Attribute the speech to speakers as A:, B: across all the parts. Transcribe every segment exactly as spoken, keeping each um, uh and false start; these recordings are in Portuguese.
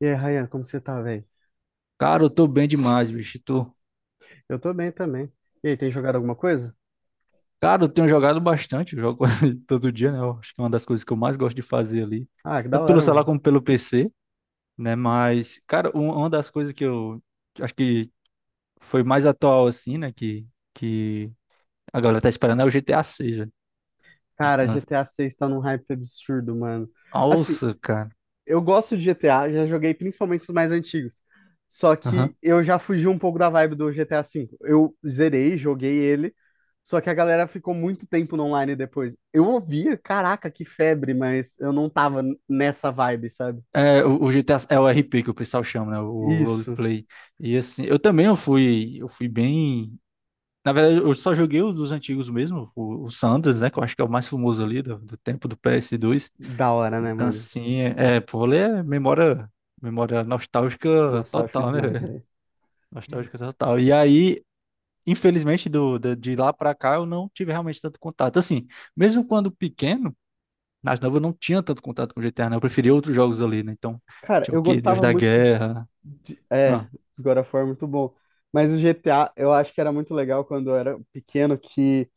A: E aí, Ryan, como que você tá, velho?
B: Cara, eu tô bem demais, bicho. Tô...
A: Eu tô bem também. E aí, tem jogado alguma coisa?
B: Cara, eu tenho jogado bastante, eu jogo quase todo dia, né? Eu acho que é uma das coisas que eu mais gosto de fazer ali,
A: Ah, que da
B: tanto pelo
A: hora,
B: celular
A: mano.
B: como pelo P C, né? Mas, cara, um- uma das coisas que eu acho que foi mais atual, assim, né? Que, que a galera tá esperando é o G T A seis, velho.
A: Cara,
B: Então, assim,
A: G T A seis tá num hype absurdo, mano. Assim,
B: nossa, cara.
A: eu gosto de G T A, já joguei principalmente os mais antigos. Só
B: Aham.
A: que eu já fugi um pouco da vibe do G T A V. Eu zerei, joguei ele, só que a galera ficou muito tempo no online depois. Eu ouvia, caraca, que febre, mas eu não tava nessa vibe, sabe?
B: É, o, o G T A é o R P que o pessoal chama, né? O
A: Isso.
B: roleplay. E assim, eu também eu fui, eu fui bem. Na verdade, eu só joguei os dos antigos mesmo, o, o Sanders, né? Que eu acho que é o mais famoso ali do, do tempo do ps dois.
A: Da hora, né,
B: Então,
A: mano?
B: assim, é, pô, vôlei é memória, memória nostálgica
A: Nostálgico
B: total, né,
A: demais,
B: velho?
A: velho.
B: Nostálgica total. E aí, infelizmente, do, da- de, lá pra cá, eu não tive realmente tanto contato. Assim, mesmo quando pequeno, nas novo, eu não tinha tanto contato com G T A, né? Eu preferia outros jogos ali, né? Então,
A: Cara,
B: tinha o
A: eu
B: quê? Deus
A: gostava
B: da
A: muito.
B: Guerra.
A: É,
B: Ah,
A: God of War é muito bom. Mas o G T A, eu acho que era muito legal quando eu era pequeno, que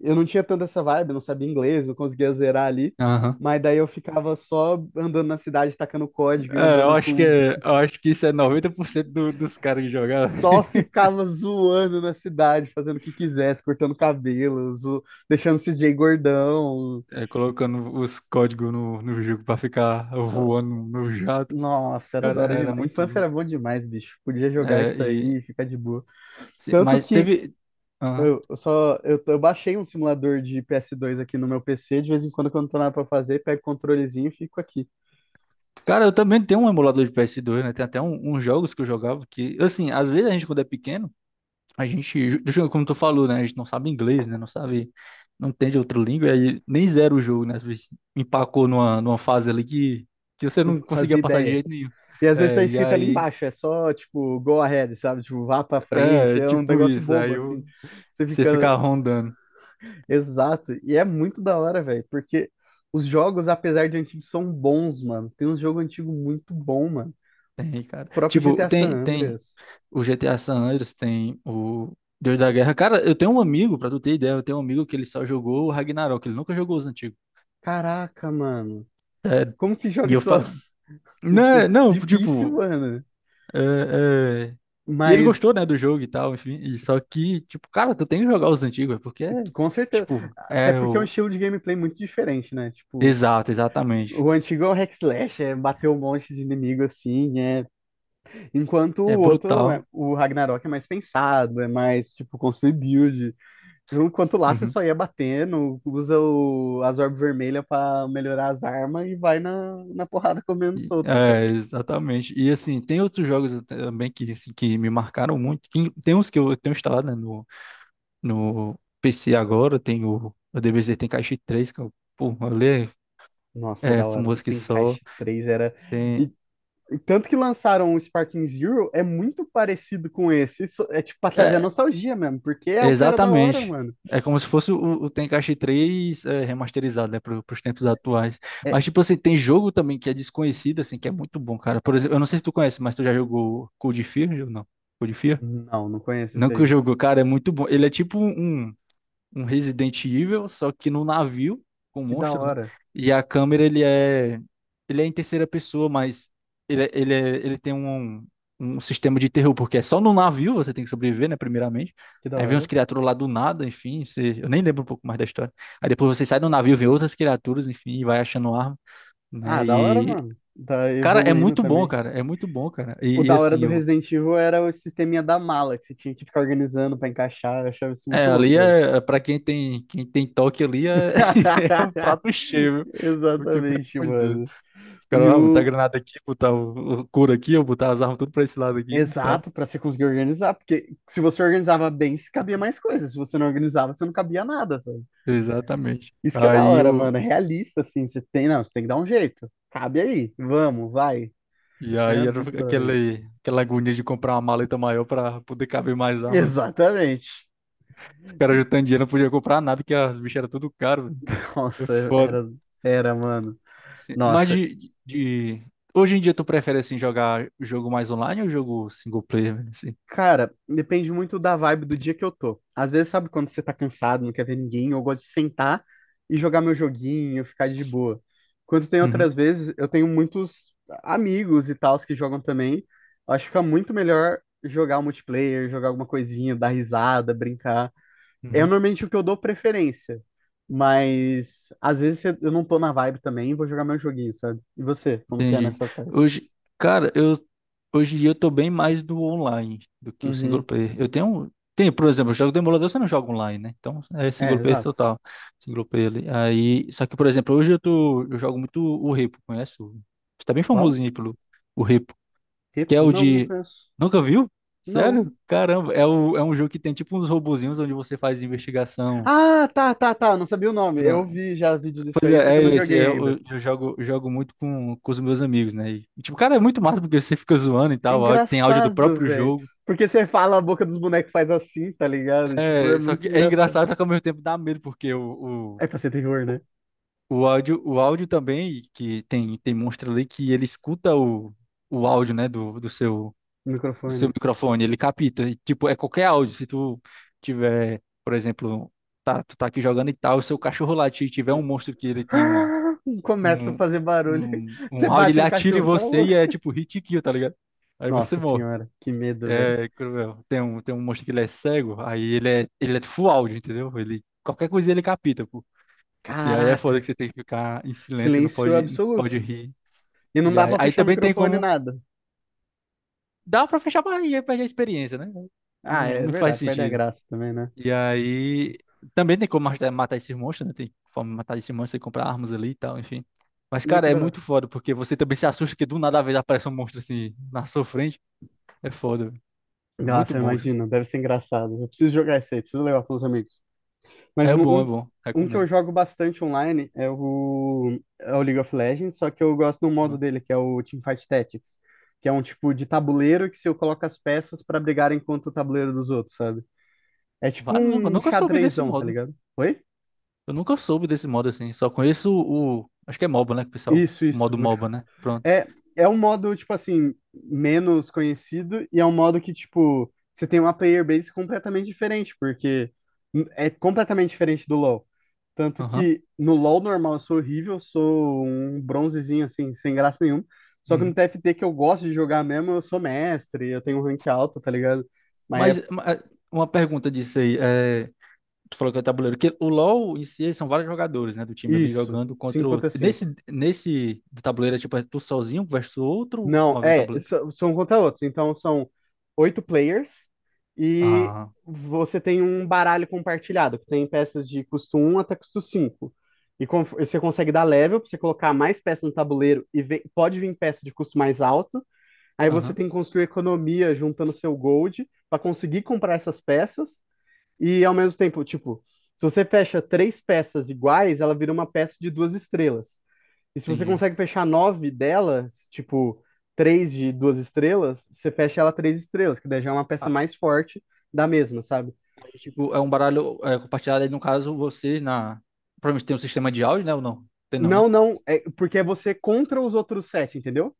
A: eu não tinha tanta essa vibe, não sabia inglês, não conseguia zerar ali.
B: aham.
A: Mas daí eu ficava só andando na cidade, tacando código e
B: É, eu
A: andando
B: acho que,
A: com.
B: é- eu acho que isso é noventa por cento do, dos caras que jogaram.
A: Só ficava zoando na cidade, fazendo o que quisesse, cortando cabelo, zo- deixando o C J gordão.
B: É, colocando os códigos no, no jogo pra ficar voando no jato.
A: Nossa, era da
B: Cara,
A: hora
B: era
A: demais.
B: muito
A: Infância
B: louco.
A: era bom demais, bicho. Podia jogar
B: É,
A: isso aí,
B: e,
A: e ficar de boa.
B: se-
A: Tanto
B: mas
A: que
B: teve. Aham.
A: Eu eu só eu, eu baixei um simulador de p s dois aqui no meu P C, de vez em quando, quando não tô nada pra fazer, pego o controlezinho e fico aqui.
B: Cara, eu também tenho um emulador de P S dois, né? Tem até um- uns jogos que eu jogava que, assim, às vezes a gente, quando é pequeno, a gente, ju- ju- como tu falou, né? A gente não sabe inglês, né? Não sabe, não entende outra língua, e aí nem zera o jogo, né? Às vezes empacou numa, numa fase ali que, que
A: Você
B: você
A: não
B: não
A: fazia
B: conseguia passar de
A: ideia.
B: jeito nenhum.
A: E às vezes
B: É,
A: tá
B: e
A: escrito ali
B: aí,
A: embaixo, é só tipo go ahead, sabe? Tipo, vá pra frente,
B: é,
A: é um
B: tipo
A: negócio
B: isso,
A: bobo
B: aí
A: assim.
B: eu,
A: Você
B: você
A: fica.
B: fica rondando.
A: Exato. E é muito da hora, velho, porque os jogos, apesar de antigos, são bons, mano. Tem uns jogos antigos muito bom, mano.
B: Tem, cara.
A: O próprio
B: Tipo,
A: G T A San
B: tem, tem
A: Andreas.
B: o G T A San Andreas, tem o Deus da Guerra. Cara, eu tenho um amigo, pra tu ter ideia, eu tenho um amigo que ele só jogou o Ragnarok, ele nunca jogou os antigos.
A: Caraca, mano.
B: Sério.
A: Como que
B: E
A: joga
B: eu
A: só?
B: falo. Não, não,
A: Difícil,
B: tipo.
A: mano.
B: é, é, E ele
A: Mas,
B: gostou, né, do jogo e tal, enfim. E só que, tipo, cara, tu tem que jogar os antigos, é porque é.
A: com certeza.
B: Tipo,
A: Até
B: é
A: porque é um
B: o.
A: estilo de gameplay muito diferente, né? Tipo,
B: Exato, exatamente.
A: o antigo é o hack slash, é bater um monte de inimigo assim, é... Enquanto o
B: É
A: outro, é-
B: brutal.
A: o Ragnarok é mais pensado, é mais, tipo, construir build. Enquanto lá você
B: Uhum.
A: só ia batendo, usa o... as orbes vermelhas pra melhorar as armas e vai na, na porrada comendo
B: E-
A: solta, sabe?
B: É, exatamente. E assim, tem outros jogos também que, assim, que me marcaram muito. Que- Tem uns que eu tenho instalado, né, no, no P C agora, tem o, o D B Z, tem Caixa Três que eu, pô, ali
A: Nossa,
B: é, é
A: da hora. O
B: famoso que só.
A: Tenkaichi três era...
B: Tem,
A: E, tanto que lançaram o Sparking Zero, é muito parecido com esse. Isso é tipo pra trazer a
B: é,
A: nostalgia mesmo, porque é o que era da hora,
B: exatamente.
A: mano.
B: É como se fosse o, o Tenkaichi Três, é, remasterizado, né, para os tempos atuais.
A: É...
B: Mas, tipo assim, tem jogo também que é desconhecido, assim, que é muito bom, cara. Por exemplo, eu não sei se tu conhece, mas tu já jogou Code Fear ou não? Code Fear?
A: Não, não conheço
B: Não
A: esse
B: que eu
A: aí.
B: jogo, cara, é muito bom. Ele é tipo um, um um Resident Evil, só que no navio, com um
A: Que da
B: monstro, né?
A: hora.
B: E a câmera, ele é, ele é em terceira pessoa, mas ele, é- ele, é- ele tem um, um sistema de terror, porque é só no navio. Você tem que sobreviver, né? Primeiramente.
A: Que da
B: Aí vem uns
A: hora.
B: criaturas lá do nada, enfim, você- eu nem lembro um pouco mais da história. Aí depois você sai do navio, vê outras criaturas, enfim, e vai achando arma,
A: Ah,
B: né?
A: da hora,
B: E,
A: mano. Tá
B: cara, é
A: evoluindo
B: muito bom,
A: também.
B: cara, é muito bom, cara.
A: O
B: E, e
A: da hora
B: assim,
A: do
B: eu
A: Resident Evil era o sisteminha da mala, que você tinha que ficar organizando pra encaixar. Eu achava isso
B: É,
A: muito
B: ali
A: louco, velho.
B: é, para quem tem, quem tem toque ali é, é um prato cheio, viu? Porque, pelo
A: Exatamente,
B: amor de Deus,
A: mano.
B: os caras,
A: E
B: ah, botar
A: o.
B: granada aqui, botar o, o couro aqui, eu botar as armas tudo pra esse lado aqui e tal.
A: Exato, para você conseguir organizar, porque se você organizava bem, se cabia mais coisas. Se você não organizava, você não cabia nada, sabe?
B: Exatamente.
A: Isso que é da
B: Aí
A: hora,
B: o
A: mano. É realista, assim. Você tem, não, você tem que dar um jeito. Cabe aí. Vamos, vai.
B: e
A: Era
B: aí era
A: muito da hora isso.
B: aquele, aquela agonia de comprar uma maleta maior pra poder caber mais armas.
A: Exatamente.
B: Os caras juntando dinheiro não podia comprar nada, que as bichas eram tudo caro, velho. É
A: Nossa,
B: foda.
A: era, era, mano.
B: Assim, mas
A: Nossa,
B: de, de... hoje em dia tu prefere, assim, jogar jogo mais online ou jogo single player, velho, assim?
A: cara, depende muito da vibe do dia que eu tô. Às vezes, sabe quando você tá cansado, não quer ver ninguém, eu gosto de sentar e jogar meu joguinho, ficar de boa. Quando tem outras
B: Uhum.
A: vezes, eu tenho muitos amigos e tals que jogam também. Eu acho que fica muito melhor jogar o multiplayer, jogar alguma coisinha, dar risada, brincar. É
B: Uhum.
A: normalmente o que eu dou preferência. Mas às vezes eu não tô na vibe também, vou jogar meu joguinho, sabe? E você, como que é
B: Entendi.
A: nessa parte?
B: Hoje, cara, eu hoje em dia eu tô bem mais do online do que o single
A: Uhum.
B: player. Eu tenho, um, tem, por exemplo, eu jogo Demolidor, você não joga online, né? Então é
A: É,
B: single player
A: exato.
B: total, single player ali. Aí, só que por exemplo, hoje eu tô, eu jogo muito o Repo, conhece? O- Está bem
A: Qual?
B: famosinho aí pelo o Repo, que é
A: Repo?
B: o
A: Não, não
B: de.
A: conheço.
B: Nunca viu?
A: Não.
B: Sério? Caramba, é, o, é um jogo que tem tipo uns robozinhos onde você faz investigação.
A: Ah, tá, tá, tá. Eu não sabia o nome. Eu vi já vídeo disso
B: Pois
A: aí, só
B: é,
A: que eu não
B: é esse.
A: joguei
B: é,
A: ainda.
B: Eu, eu- jogo, jogo muito com, com os meus amigos, né? E, tipo, cara, é muito massa porque você fica zoando e
A: É
B: tal. áudio- Tem áudio do
A: engraçado,
B: próprio
A: velho.
B: jogo.
A: Porque você fala, a boca dos bonecos faz assim, tá ligado? Tipo, é
B: É, só
A: muito
B: que é
A: engraçado.
B: engraçado, só que ao mesmo tempo dá medo, porque o, o,
A: É pra ser terror, né?
B: o áudio, o áudio, também, que tem, tem monstro ali que ele escuta o, o áudio, né, do, do seu,
A: No
B: do
A: microfone,
B: seu
A: né?
B: microfone, ele capta. E, tipo, é qualquer áudio. Se tu tiver, por exemplo, tá, tu tá aqui jogando e tal, o seu cachorro latir e tiver um monstro que ele tem um
A: Começa a
B: um,
A: fazer barulho.
B: um, um
A: Você
B: round,
A: bate
B: ele
A: no
B: atira em
A: cachorro, cala a
B: você e
A: boca.
B: é tipo hit kill, tá ligado? Aí você
A: Nossa
B: morre.
A: senhora, que medo, velho.
B: É cruel. Tem um, tem um monstro que ele é cego, aí ele é, ele é full áudio, entendeu? Ele, qualquer coisinha ele capita, pô. E aí é foda que você
A: Caracas.
B: tem que ficar em silêncio, não
A: Silêncio
B: pode, não pode
A: absoluto.
B: rir.
A: E não
B: E
A: dá
B: aí,
A: pra
B: aí
A: fechar o
B: também tem
A: microfone
B: como.
A: nada.
B: Dá pra fechar a barriga e perder a experiência, né?
A: Ah,
B: Não,
A: é
B: não faz
A: verdade, perde a
B: sentido.
A: graça também, né?
B: E aí, também tem como matar, matar esses monstros, né? Tem forma de matar esses monstros, e comprar armas ali e tal, enfim. Mas,
A: Mas que
B: cara, é
A: da
B: muito
A: hora.
B: foda, porque você também se assusta que do nada às vezes aparece um monstro assim na sua frente. É foda, velho. É muito
A: Nossa,
B: bom o jogo.
A: imagina, deve ser engraçado. Eu preciso jogar esse aí, preciso levar para os amigos. Mas
B: É
A: um,
B: bom, é
A: um,
B: bom.
A: um que eu
B: Recomendo.
A: jogo bastante online é o, é o League of Legends, só que eu gosto do modo
B: Uhum.
A: dele, que é o Teamfight Tactics, que é um tipo de tabuleiro que se eu coloco as peças para brigarem contra o tabuleiro dos outros, sabe? É tipo
B: Vale, nunca,
A: um
B: nunca soube desse
A: xadrezão, tá
B: modo.
A: ligado? Oi?
B: Eu nunca soube desse modo assim. Só conheço o, o- acho que é MOBA, né? Que o pessoal.
A: Isso,
B: O
A: isso.
B: modo
A: multi-
B: MOBA, né? Pronto.
A: É, é um modo, tipo assim, menos conhecido e é um modo que, tipo, você tem uma player base completamente diferente, porque é completamente diferente do LoL. Tanto
B: Aham.
A: que no LoL normal eu sou horrível, eu sou um bronzezinho assim, sem graça nenhuma. Só que no
B: Uhum.
A: T F T que eu gosto de jogar mesmo, eu sou mestre, eu tenho um rank alto, tá ligado? Mas é
B: Mas, ma- uma pergunta disso aí. é, Tu falou que é o tabuleiro. Que o LoL em si são vários jogadores, né? Do time ali
A: isso.
B: jogando contra
A: cinco
B: o
A: contra
B: outro.
A: cinco.
B: Nesse, nesse do tabuleiro é tipo, é tu sozinho versus outro
A: Não,
B: movendo o
A: é,
B: tabuleiro?
A: so- são contra outros. Então são oito players e
B: Ah,
A: você tem um baralho compartilhado, que tem peças de custo um até custo cinco. E com- você consegue dar level pra você colocar mais peças no tabuleiro e ve- pode vir peça de custo mais alto. Aí você
B: aham,
A: tem que construir economia juntando seu gold para conseguir comprar essas peças e ao mesmo tempo, tipo, se você fecha três peças iguais, ela vira uma peça de duas estrelas. E se você
B: entendi.
A: consegue fechar nove delas, tipo, três de duas estrelas, você fecha ela três estrelas, que daí já é uma peça
B: Ah,
A: mais forte da mesma, sabe?
B: é tipo, é um baralho é compartilhado aí, no caso, vocês na. Provavelmente tem um sistema de áudio, né? Ou não? Tem não, né?
A: Não, não, é porque é você contra os outros sete, entendeu?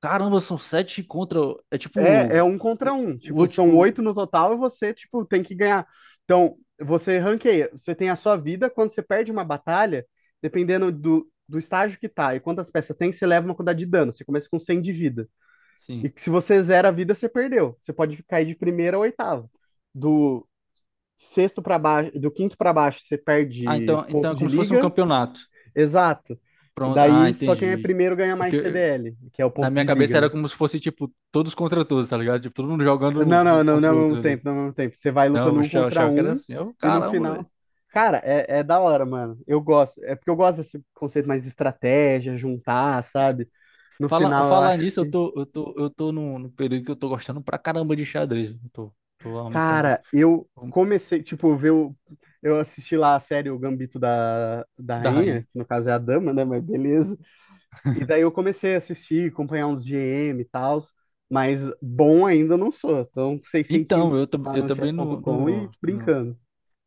B: Caramba, são sete contra. É tipo.
A: É, é um
B: O,
A: contra
B: o,
A: um.
B: o,
A: Tipo,
B: ulti-
A: são
B: o-
A: oito no total e você, tipo, tem que ganhar. Então, você ranqueia. Você tem a sua vida. Quando você perde uma batalha, dependendo do, do estágio que tá e quantas peças tem, você leva uma quantidade de dano. Você começa com cem de vida.
B: sim.
A: E se você zera a vida, você perdeu. Você pode cair de primeira a oitava. Do sexto para baixo, do quinto para baixo, você
B: Ah,
A: perde
B: então, então
A: ponto
B: é
A: de
B: como se fosse um
A: liga.
B: campeonato.
A: Exato.
B: Pronto. Ah,
A: Daí, só quem é
B: entendi.
A: primeiro ganha mais
B: Porque
A: P D L, que é o
B: na
A: ponto
B: minha
A: de liga,
B: cabeça era
A: né?
B: como se fosse, tipo, todos contra todos, tá ligado? Tipo, todo mundo jogando
A: Não,
B: um
A: não, não, não é
B: contra o
A: ao mesmo
B: outro ali.
A: tempo, não é ao mesmo tempo. Você vai
B: Não,
A: lutando
B: eu
A: um
B: achava,
A: contra
B: achava que era
A: um
B: assim. Eu,
A: e no
B: caramba, velho.
A: final. Cara, é, é da hora, mano. Eu gosto. É porque eu gosto desse conceito mais de estratégia, juntar, sabe? No
B: Fala,
A: final eu
B: falar
A: acho
B: nisso, eu
A: que.
B: tô, eu tô, eu tô num, num período que eu tô gostando pra caramba de xadrez. Eu tô, tô aumentando
A: Cara, eu
B: o-
A: comecei, tipo, ver o. Eu assisti lá a série O Gambito da, da
B: da
A: Rainha,
B: rainha.
A: que no caso é a Dama, né? Mas beleza. E daí eu comecei a assistir, acompanhar uns G M e tal. Mas bom ainda eu não sou. Então, seiscentos
B: Então, eu, tam-
A: lá
B: eu
A: no
B: também não,
A: chess ponto com
B: não,
A: e
B: não,
A: brincando.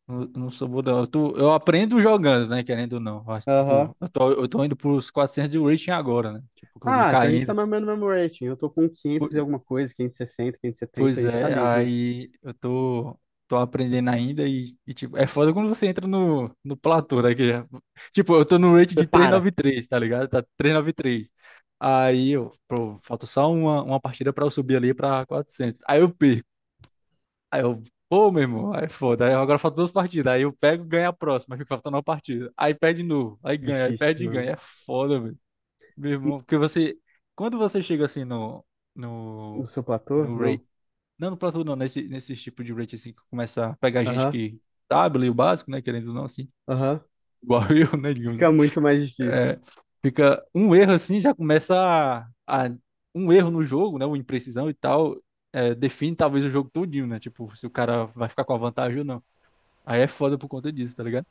B: não, não sou bom, não. Eu, tô, eu aprendo jogando, né? Querendo ou não. Eu acho,
A: Aham.
B: tipo, eu tô, eu tô indo pros quatrocentos de rating agora, né? Tipo, que eu vim
A: Ah, então a gente tá
B: caindo.
A: mais ou menos no mesmo rating. Eu tô com quinhentos e alguma coisa, quinhentos quinhentos e sessenta, quinhentos e setenta. A
B: Pois
A: gente tá
B: é,
A: ali junto.
B: aí eu tô, tô aprendendo ainda e, e, tipo, é foda quando você entra no, no platô daqui. Tipo, eu tô no rate de trezentos e
A: Prepara.
B: noventa e três tá ligado? Tá trezentos e noventa e três. Aí eu, pô, falta só uma, uma partida pra eu subir ali pra quatrocentos. Aí eu perco. Aí eu, pô, meu irmão, aí é foda. Aí agora falta duas partidas. Aí eu pego, ganho a próxima, aí fica faltando uma partida. Aí perde de novo, aí ganha, aí
A: Difícil,
B: perde e
A: mano.
B: ganha. É foda, velho. Meu irmão, porque você, quando você chega assim no,
A: No
B: no,
A: seu platô?
B: no, ra-
A: Não.
B: não, no platô não, nesse, nesse tipo de rate assim que começa a pegar gente
A: Aham,
B: que sabe ler o básico, né? Querendo ou não, assim,
A: aham.
B: igual eu, né? Digamos
A: Fica
B: assim.
A: muito mais difícil.
B: É, fica um erro assim, já começa a, a- um erro no jogo, né? Uma imprecisão e tal, é, define talvez o jogo todinho, né? Tipo, se o cara vai ficar com a vantagem ou não. Aí é foda por conta disso, tá ligado?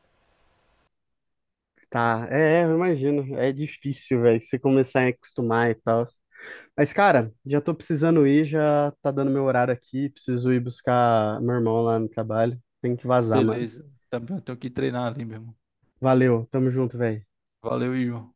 A: Tá, é, é, eu imagino. É difícil, velho, você começar a acostumar e tal. Mas, cara, já tô precisando ir, já tá dando meu horário aqui. Preciso ir buscar meu irmão lá no trabalho. Tenho que vazar, mano.
B: Beleza. Também eu tenho que treinar ali mesmo.
A: Valeu, tamo junto, velho.
B: Valeu, Ivan.